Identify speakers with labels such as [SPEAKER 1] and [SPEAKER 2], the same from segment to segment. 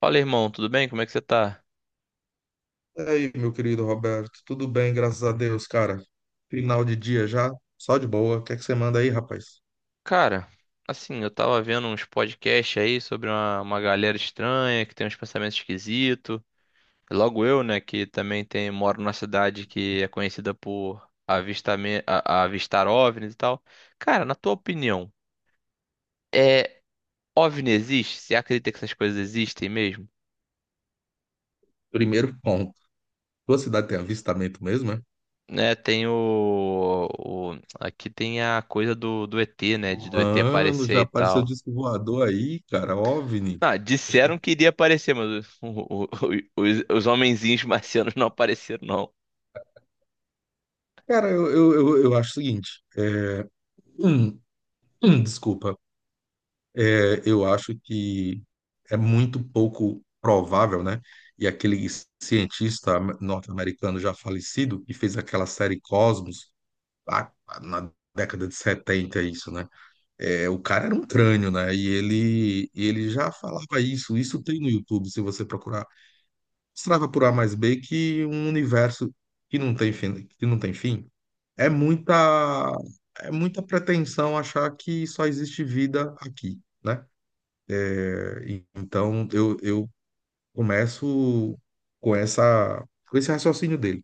[SPEAKER 1] Fala, irmão, tudo bem? Como é que você tá?
[SPEAKER 2] E aí, meu querido Roberto, tudo bem, graças a Deus, cara. Final de dia já, só de boa. O que é que você manda aí, rapaz?
[SPEAKER 1] Cara, assim, eu tava vendo uns podcasts aí sobre uma galera estranha que tem uns pensamentos esquisitos. Logo eu, né, que também tem, moro numa cidade que é conhecida por avistar OVNIs e tal. Cara, na tua opinião, é OVNI existe? Você acredita que essas coisas existem mesmo?
[SPEAKER 2] Primeiro ponto. Tua cidade tem avistamento mesmo, é?
[SPEAKER 1] Né. Aqui tem a coisa do ET, né, de do ET
[SPEAKER 2] Mano,
[SPEAKER 1] aparecer
[SPEAKER 2] já
[SPEAKER 1] e
[SPEAKER 2] apareceu
[SPEAKER 1] tal.
[SPEAKER 2] disco voador aí, cara, OVNI.
[SPEAKER 1] Ah, disseram que iria aparecer, mas os homenzinhos marcianos não apareceram, não.
[SPEAKER 2] Cara, eu acho o seguinte. Hum, desculpa. É, eu acho que é muito pouco provável, né? E aquele cientista norte-americano já falecido, que fez aquela série Cosmos, lá na década de 70, isso, né? É, o cara era um crânio, né? E ele já falava isso. Isso tem no YouTube, se você procurar. Mostrava por A mais B que um universo que não tem fim, que não tem fim. É muita, é muita pretensão achar que só existe vida aqui, né? Então eu começo com esse raciocínio dele.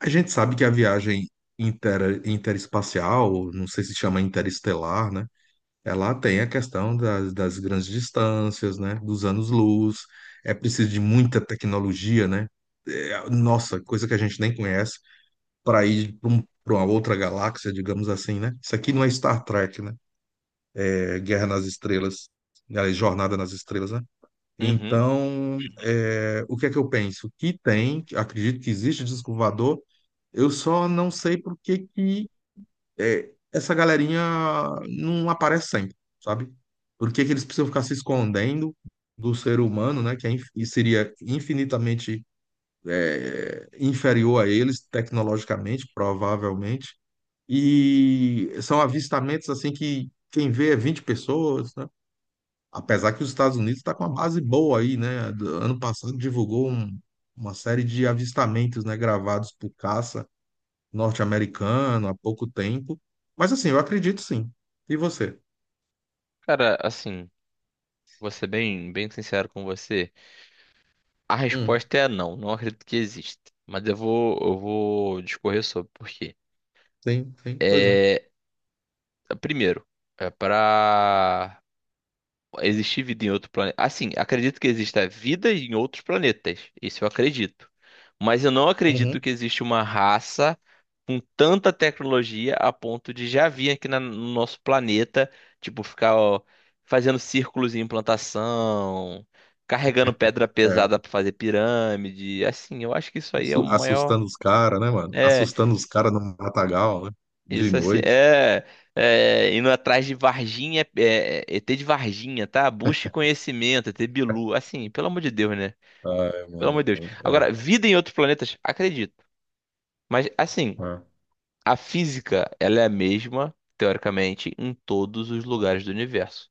[SPEAKER 2] A gente sabe que a viagem interespacial, não sei se chama interestelar, né? Ela tem a questão das grandes distâncias, né? Dos anos-luz. É preciso de muita tecnologia, né? É, nossa, coisa que a gente nem conhece para ir pra uma outra galáxia, digamos assim, né? Isso aqui não é Star Trek, né? É Guerra nas Estrelas, né? É Jornada nas Estrelas, né?
[SPEAKER 1] Uhum.
[SPEAKER 2] Então, é, o que é que eu penso? Que tem, acredito que existe disco voador, eu só não sei por que que é, essa galerinha não aparece sempre, sabe? Por que que eles precisam ficar se escondendo do ser humano, né? Que é, seria infinitamente é, inferior a eles, tecnologicamente, provavelmente. E são avistamentos assim que quem vê é 20 pessoas, né? Apesar que os Estados Unidos está com uma base boa aí, né? Ano passado divulgou uma série de avistamentos, né, gravados por caça norte-americano há pouco tempo. Mas assim, eu acredito sim. E você?
[SPEAKER 1] Cara, assim, vou ser bem, bem sincero com você. A
[SPEAKER 2] Hum,
[SPEAKER 1] resposta é não, não acredito que exista. Mas eu vou discorrer sobre por quê.
[SPEAKER 2] sim, sim, pois não.
[SPEAKER 1] É, primeiro, é para existir vida em outro planeta. Assim, acredito que exista vida em outros planetas. Isso eu acredito. Mas eu não acredito
[SPEAKER 2] Uhum.
[SPEAKER 1] que existe uma raça com tanta tecnologia a ponto de já vir aqui no nosso planeta, tipo, ficar ó, fazendo círculos em implantação, carregando pedra
[SPEAKER 2] É.
[SPEAKER 1] pesada para fazer pirâmide. Assim, eu acho que isso aí é o maior.
[SPEAKER 2] Assustando os caras, né, mano?
[SPEAKER 1] É,
[SPEAKER 2] Assustando os caras no matagal, né? De
[SPEAKER 1] isso assim,
[SPEAKER 2] noite.
[SPEAKER 1] indo atrás de Varginha, ET de Varginha, tá? Busque conhecimento, ET Bilu, assim, pelo amor de Deus, né?
[SPEAKER 2] Ai,
[SPEAKER 1] Pelo amor
[SPEAKER 2] mano.
[SPEAKER 1] de Deus.
[SPEAKER 2] É,
[SPEAKER 1] Agora, vida em outros planetas, acredito. Mas, assim,
[SPEAKER 2] é.
[SPEAKER 1] a física, ela é a mesma, teoricamente, em todos os lugares do universo.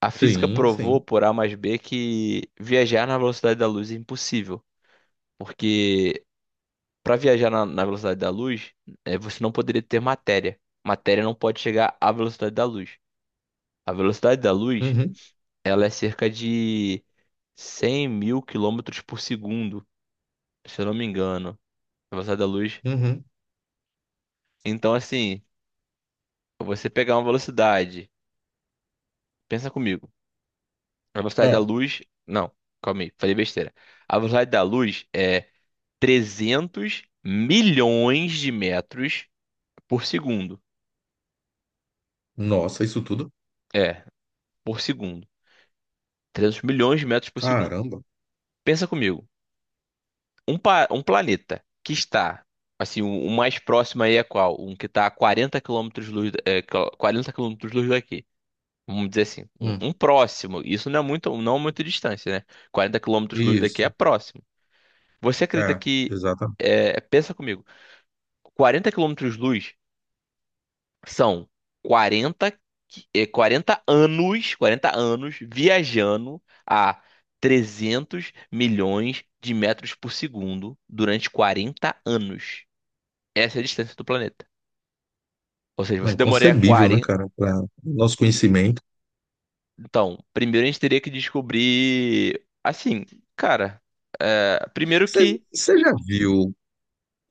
[SPEAKER 1] A física
[SPEAKER 2] Sim,
[SPEAKER 1] provou
[SPEAKER 2] sim.
[SPEAKER 1] por A mais B que viajar na velocidade da luz é impossível, porque para viajar na velocidade da luz, você não poderia ter matéria. Matéria não pode chegar à velocidade da luz. A velocidade da luz,
[SPEAKER 2] Uhum,
[SPEAKER 1] ela é cerca de 100 mil quilômetros por segundo, se eu não me engano. A velocidade da luz.
[SPEAKER 2] uhum.
[SPEAKER 1] Então, assim, você pegar uma velocidade, pensa comigo. A velocidade da
[SPEAKER 2] É.
[SPEAKER 1] luz. Não, calma aí, falei besteira. A velocidade da luz é 300 milhões de metros por segundo.
[SPEAKER 2] Nossa, isso tudo?
[SPEAKER 1] É, por segundo. 300 milhões de metros por segundo.
[SPEAKER 2] Caramba.
[SPEAKER 1] Pensa comigo. Um planeta que está. Assim, o mais próximo aí é qual? Um que está a 40 quilômetros luz, 40 quilômetros luz daqui. Vamos dizer assim, um,
[SPEAKER 2] Hum,
[SPEAKER 1] um próximo. Isso não é muito, não é muito distância, né? 40 quilômetros luz daqui é
[SPEAKER 2] isso.
[SPEAKER 1] próximo. Você acredita
[SPEAKER 2] É,
[SPEAKER 1] que.
[SPEAKER 2] exatamente.
[SPEAKER 1] Pensa comigo. 40 quilômetros de luz são 40, 40 anos, 40 anos viajando a 300 milhões de metros por segundo durante 40 anos. Essa é a distância do planeta. Ou seja,
[SPEAKER 2] É
[SPEAKER 1] você demoraria
[SPEAKER 2] inconcebível, né,
[SPEAKER 1] quarenta.
[SPEAKER 2] cara? Para nosso conhecimento.
[SPEAKER 1] Então, primeiro a gente teria que descobrir. Assim, cara, primeiro que
[SPEAKER 2] Você já viu?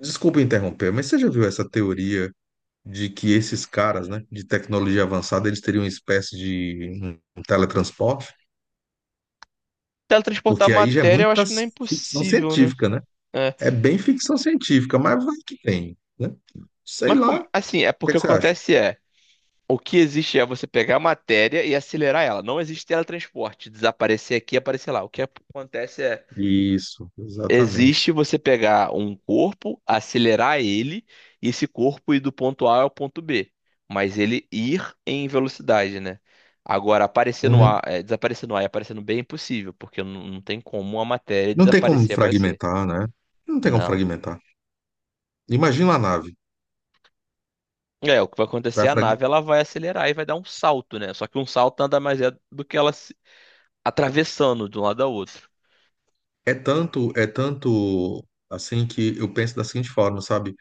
[SPEAKER 2] Desculpa interromper, mas você já viu essa teoria de que esses caras, né, de tecnologia avançada, eles teriam uma espécie de um teletransporte,
[SPEAKER 1] teletransportar
[SPEAKER 2] porque aí já é
[SPEAKER 1] matéria eu
[SPEAKER 2] muita
[SPEAKER 1] acho que não é
[SPEAKER 2] ficção
[SPEAKER 1] impossível, né?
[SPEAKER 2] científica, né?
[SPEAKER 1] É,
[SPEAKER 2] É bem ficção científica, mas vai que tem, né? Sei
[SPEAKER 1] mas
[SPEAKER 2] lá, o
[SPEAKER 1] assim, é
[SPEAKER 2] que é
[SPEAKER 1] porque
[SPEAKER 2] que
[SPEAKER 1] o que
[SPEAKER 2] você acha?
[SPEAKER 1] acontece é. O que existe é você pegar a matéria e acelerar ela. Não existe teletransporte, desaparecer aqui e aparecer lá. O que acontece é,
[SPEAKER 2] Isso, exatamente.
[SPEAKER 1] existe você pegar um corpo, acelerar ele, e esse corpo ir do ponto A ao ponto B. Mas ele ir em velocidade, né? Agora, aparecer no
[SPEAKER 2] Uhum.
[SPEAKER 1] A, desaparecer no A e aparecer no B é impossível, porque não tem como a matéria
[SPEAKER 2] Não tem como
[SPEAKER 1] desaparecer e aparecer.
[SPEAKER 2] fragmentar, né? Não tem como
[SPEAKER 1] Não.
[SPEAKER 2] fragmentar. Imagina a nave.
[SPEAKER 1] O que vai acontecer,
[SPEAKER 2] Vai
[SPEAKER 1] a
[SPEAKER 2] frag...
[SPEAKER 1] nave ela vai acelerar e vai dar um salto, né? Só que um salto nada mais é do que ela atravessando de um lado ao outro.
[SPEAKER 2] É tanto assim que eu penso da seguinte forma, sabe?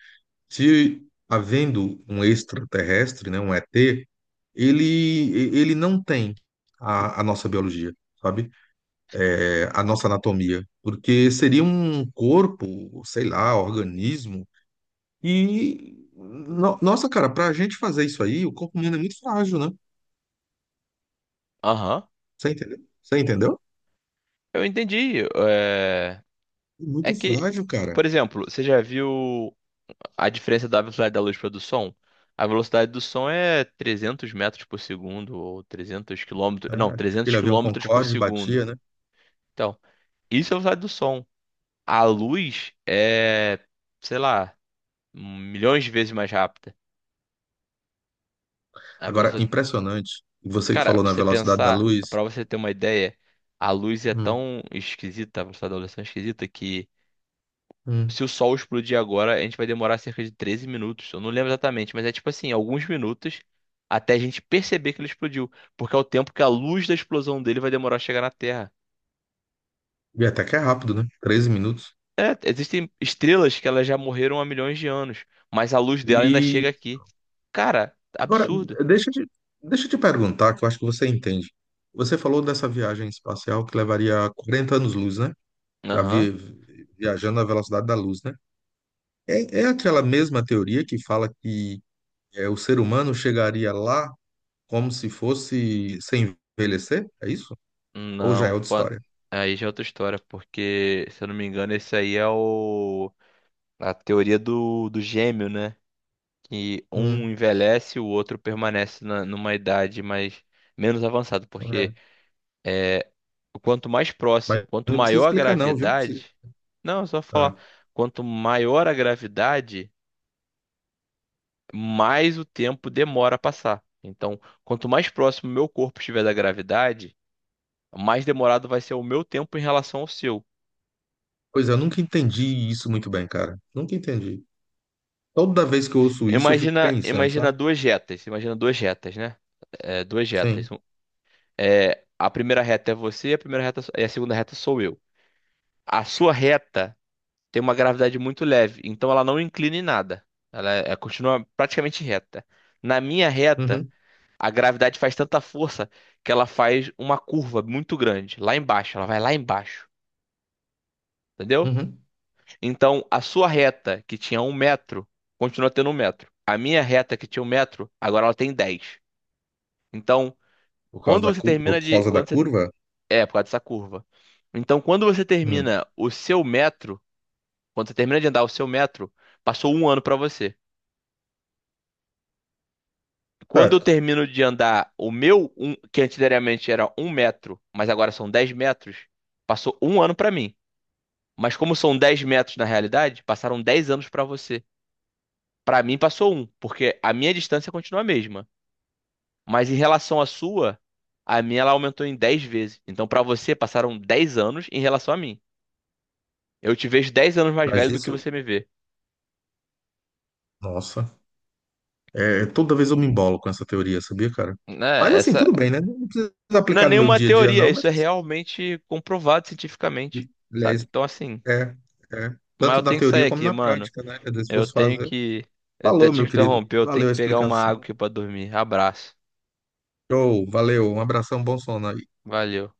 [SPEAKER 2] Se havendo um extraterrestre, né, um ET, ele, ele não tem a nossa biologia, sabe? É, a nossa anatomia, porque seria um corpo, sei lá, organismo, e nossa, cara, pra gente fazer isso aí, o corpo humano é muito frágil, né?
[SPEAKER 1] Aham,
[SPEAKER 2] Você entendeu? Você entendeu?
[SPEAKER 1] eu entendi. É
[SPEAKER 2] Muito
[SPEAKER 1] que,
[SPEAKER 2] frágil, cara.
[SPEAKER 1] por exemplo, você já viu a diferença da velocidade da luz para do som? A velocidade do som é 300 metros por segundo ou 300 quilômetros,
[SPEAKER 2] É,
[SPEAKER 1] não, 300
[SPEAKER 2] aquele avião
[SPEAKER 1] quilômetros por
[SPEAKER 2] Concorde
[SPEAKER 1] segundo.
[SPEAKER 2] batia, né?
[SPEAKER 1] Então, isso é a velocidade do som. A luz é, sei lá, milhões de vezes mais rápida. A
[SPEAKER 2] Agora,
[SPEAKER 1] velocidade...
[SPEAKER 2] impressionante. E você que
[SPEAKER 1] Cara,
[SPEAKER 2] falou
[SPEAKER 1] pra
[SPEAKER 2] na
[SPEAKER 1] você
[SPEAKER 2] velocidade da
[SPEAKER 1] pensar,
[SPEAKER 2] luz.
[SPEAKER 1] pra você ter uma ideia, a luz é
[SPEAKER 2] Hum,
[SPEAKER 1] tão esquisita, a velocidade da luz é tão esquisita que
[SPEAKER 2] hum.
[SPEAKER 1] se o sol explodir agora, a gente vai demorar cerca de 13 minutos. Eu não lembro exatamente, mas é tipo assim, alguns minutos até a gente perceber que ele explodiu, porque é o tempo que a luz da explosão dele vai demorar a chegar na Terra.
[SPEAKER 2] E até que é rápido, né? 13 minutos.
[SPEAKER 1] É, existem estrelas que elas já morreram há milhões de anos, mas a luz dela ainda chega
[SPEAKER 2] E
[SPEAKER 1] aqui. Cara,
[SPEAKER 2] agora,
[SPEAKER 1] absurdo.
[SPEAKER 2] deixa eu te, deixa eu te perguntar, que eu acho que você entende. Você falou dessa viagem espacial que levaria 40 anos-luz, né? Da
[SPEAKER 1] Aham.
[SPEAKER 2] vi- Viajando à velocidade da luz, né? É, é aquela mesma teoria que fala que é, o ser humano chegaria lá como se fosse sem envelhecer? É isso? Ou já é
[SPEAKER 1] Não,
[SPEAKER 2] outra história?
[SPEAKER 1] aí já é outra história, porque, se eu não me engano, esse aí é o a teoria do gêmeo, né? Que um
[SPEAKER 2] Hum,
[SPEAKER 1] envelhece e o outro permanece numa idade mais menos avançada,
[SPEAKER 2] é.
[SPEAKER 1] porque é, quanto mais próximo,
[SPEAKER 2] Mas
[SPEAKER 1] quanto
[SPEAKER 2] não precisa
[SPEAKER 1] maior a
[SPEAKER 2] explicar, não, viu? Não precisa.
[SPEAKER 1] gravidade, não, é só falar,
[SPEAKER 2] Ah,
[SPEAKER 1] quanto maior a gravidade, mais o tempo demora a passar. Então, quanto mais próximo o meu corpo estiver da gravidade, mais demorado vai ser o meu tempo em relação ao seu.
[SPEAKER 2] pois é, eu nunca entendi isso muito bem, cara. Nunca entendi. Toda vez que eu ouço isso, eu fico
[SPEAKER 1] Imagina,
[SPEAKER 2] pensando,
[SPEAKER 1] imagina
[SPEAKER 2] sabe?
[SPEAKER 1] duas retas, imagina duas retas, né? Duas retas.
[SPEAKER 2] Sim.
[SPEAKER 1] A primeira reta é você, a primeira reta e a segunda reta sou eu. A sua reta tem uma gravidade muito leve, então ela não inclina em nada. Ela continua praticamente reta. Na minha reta,
[SPEAKER 2] Uhum,
[SPEAKER 1] a gravidade faz tanta força que ela faz uma curva muito grande, lá embaixo. Ela vai lá embaixo, entendeu?
[SPEAKER 2] uhum.
[SPEAKER 1] Então, a sua reta, que tinha um metro, continua tendo um metro. A minha reta, que tinha um metro, agora ela tem dez. Então,
[SPEAKER 2] Por causa
[SPEAKER 1] quando você
[SPEAKER 2] por
[SPEAKER 1] termina de.
[SPEAKER 2] causa da
[SPEAKER 1] Quando você,
[SPEAKER 2] curva?
[SPEAKER 1] por causa dessa curva. Então, quando você
[SPEAKER 2] Uhum.
[SPEAKER 1] termina o seu metro. Quando você termina de andar o seu metro, passou um ano pra você. Quando eu
[SPEAKER 2] Certo.
[SPEAKER 1] termino de andar o meu, um, que anteriormente era um metro, mas agora são 10 metros, passou um ano pra mim. Mas como são 10 metros na realidade, passaram 10 anos pra você. Pra mim passou um, porque a minha distância continua a mesma. Mas em relação à sua, a minha ela aumentou em 10 vezes. Então pra você passaram 10 anos em relação a mim. Eu te vejo 10 anos mais
[SPEAKER 2] Mas
[SPEAKER 1] velho do que
[SPEAKER 2] isso,
[SPEAKER 1] você me vê.
[SPEAKER 2] nossa, é, é, toda vez eu me embolo com essa teoria, sabia, cara? Mas
[SPEAKER 1] Né,
[SPEAKER 2] assim,
[SPEAKER 1] essa,
[SPEAKER 2] tudo bem, né? Não precisa
[SPEAKER 1] Não é
[SPEAKER 2] aplicar no meu
[SPEAKER 1] nenhuma
[SPEAKER 2] dia a dia,
[SPEAKER 1] teoria,
[SPEAKER 2] não,
[SPEAKER 1] isso
[SPEAKER 2] mas
[SPEAKER 1] é
[SPEAKER 2] assim,
[SPEAKER 1] realmente comprovado cientificamente, sabe?
[SPEAKER 2] aliás,
[SPEAKER 1] Então, assim,
[SPEAKER 2] é, é,
[SPEAKER 1] mas
[SPEAKER 2] tanto
[SPEAKER 1] eu
[SPEAKER 2] na
[SPEAKER 1] tenho que sair
[SPEAKER 2] teoria como
[SPEAKER 1] aqui,
[SPEAKER 2] na
[SPEAKER 1] mano.
[SPEAKER 2] prática, né? Quer dizer, se
[SPEAKER 1] Eu
[SPEAKER 2] fosse
[SPEAKER 1] tenho
[SPEAKER 2] fazer.
[SPEAKER 1] que. Eu até
[SPEAKER 2] Falou,
[SPEAKER 1] te
[SPEAKER 2] meu querido.
[SPEAKER 1] interromper, eu tenho
[SPEAKER 2] Valeu
[SPEAKER 1] que
[SPEAKER 2] a
[SPEAKER 1] pegar uma água
[SPEAKER 2] explicação.
[SPEAKER 1] aqui pra dormir. Abraço.
[SPEAKER 2] Show, valeu. Um abração, bom sono aí.
[SPEAKER 1] Valeu.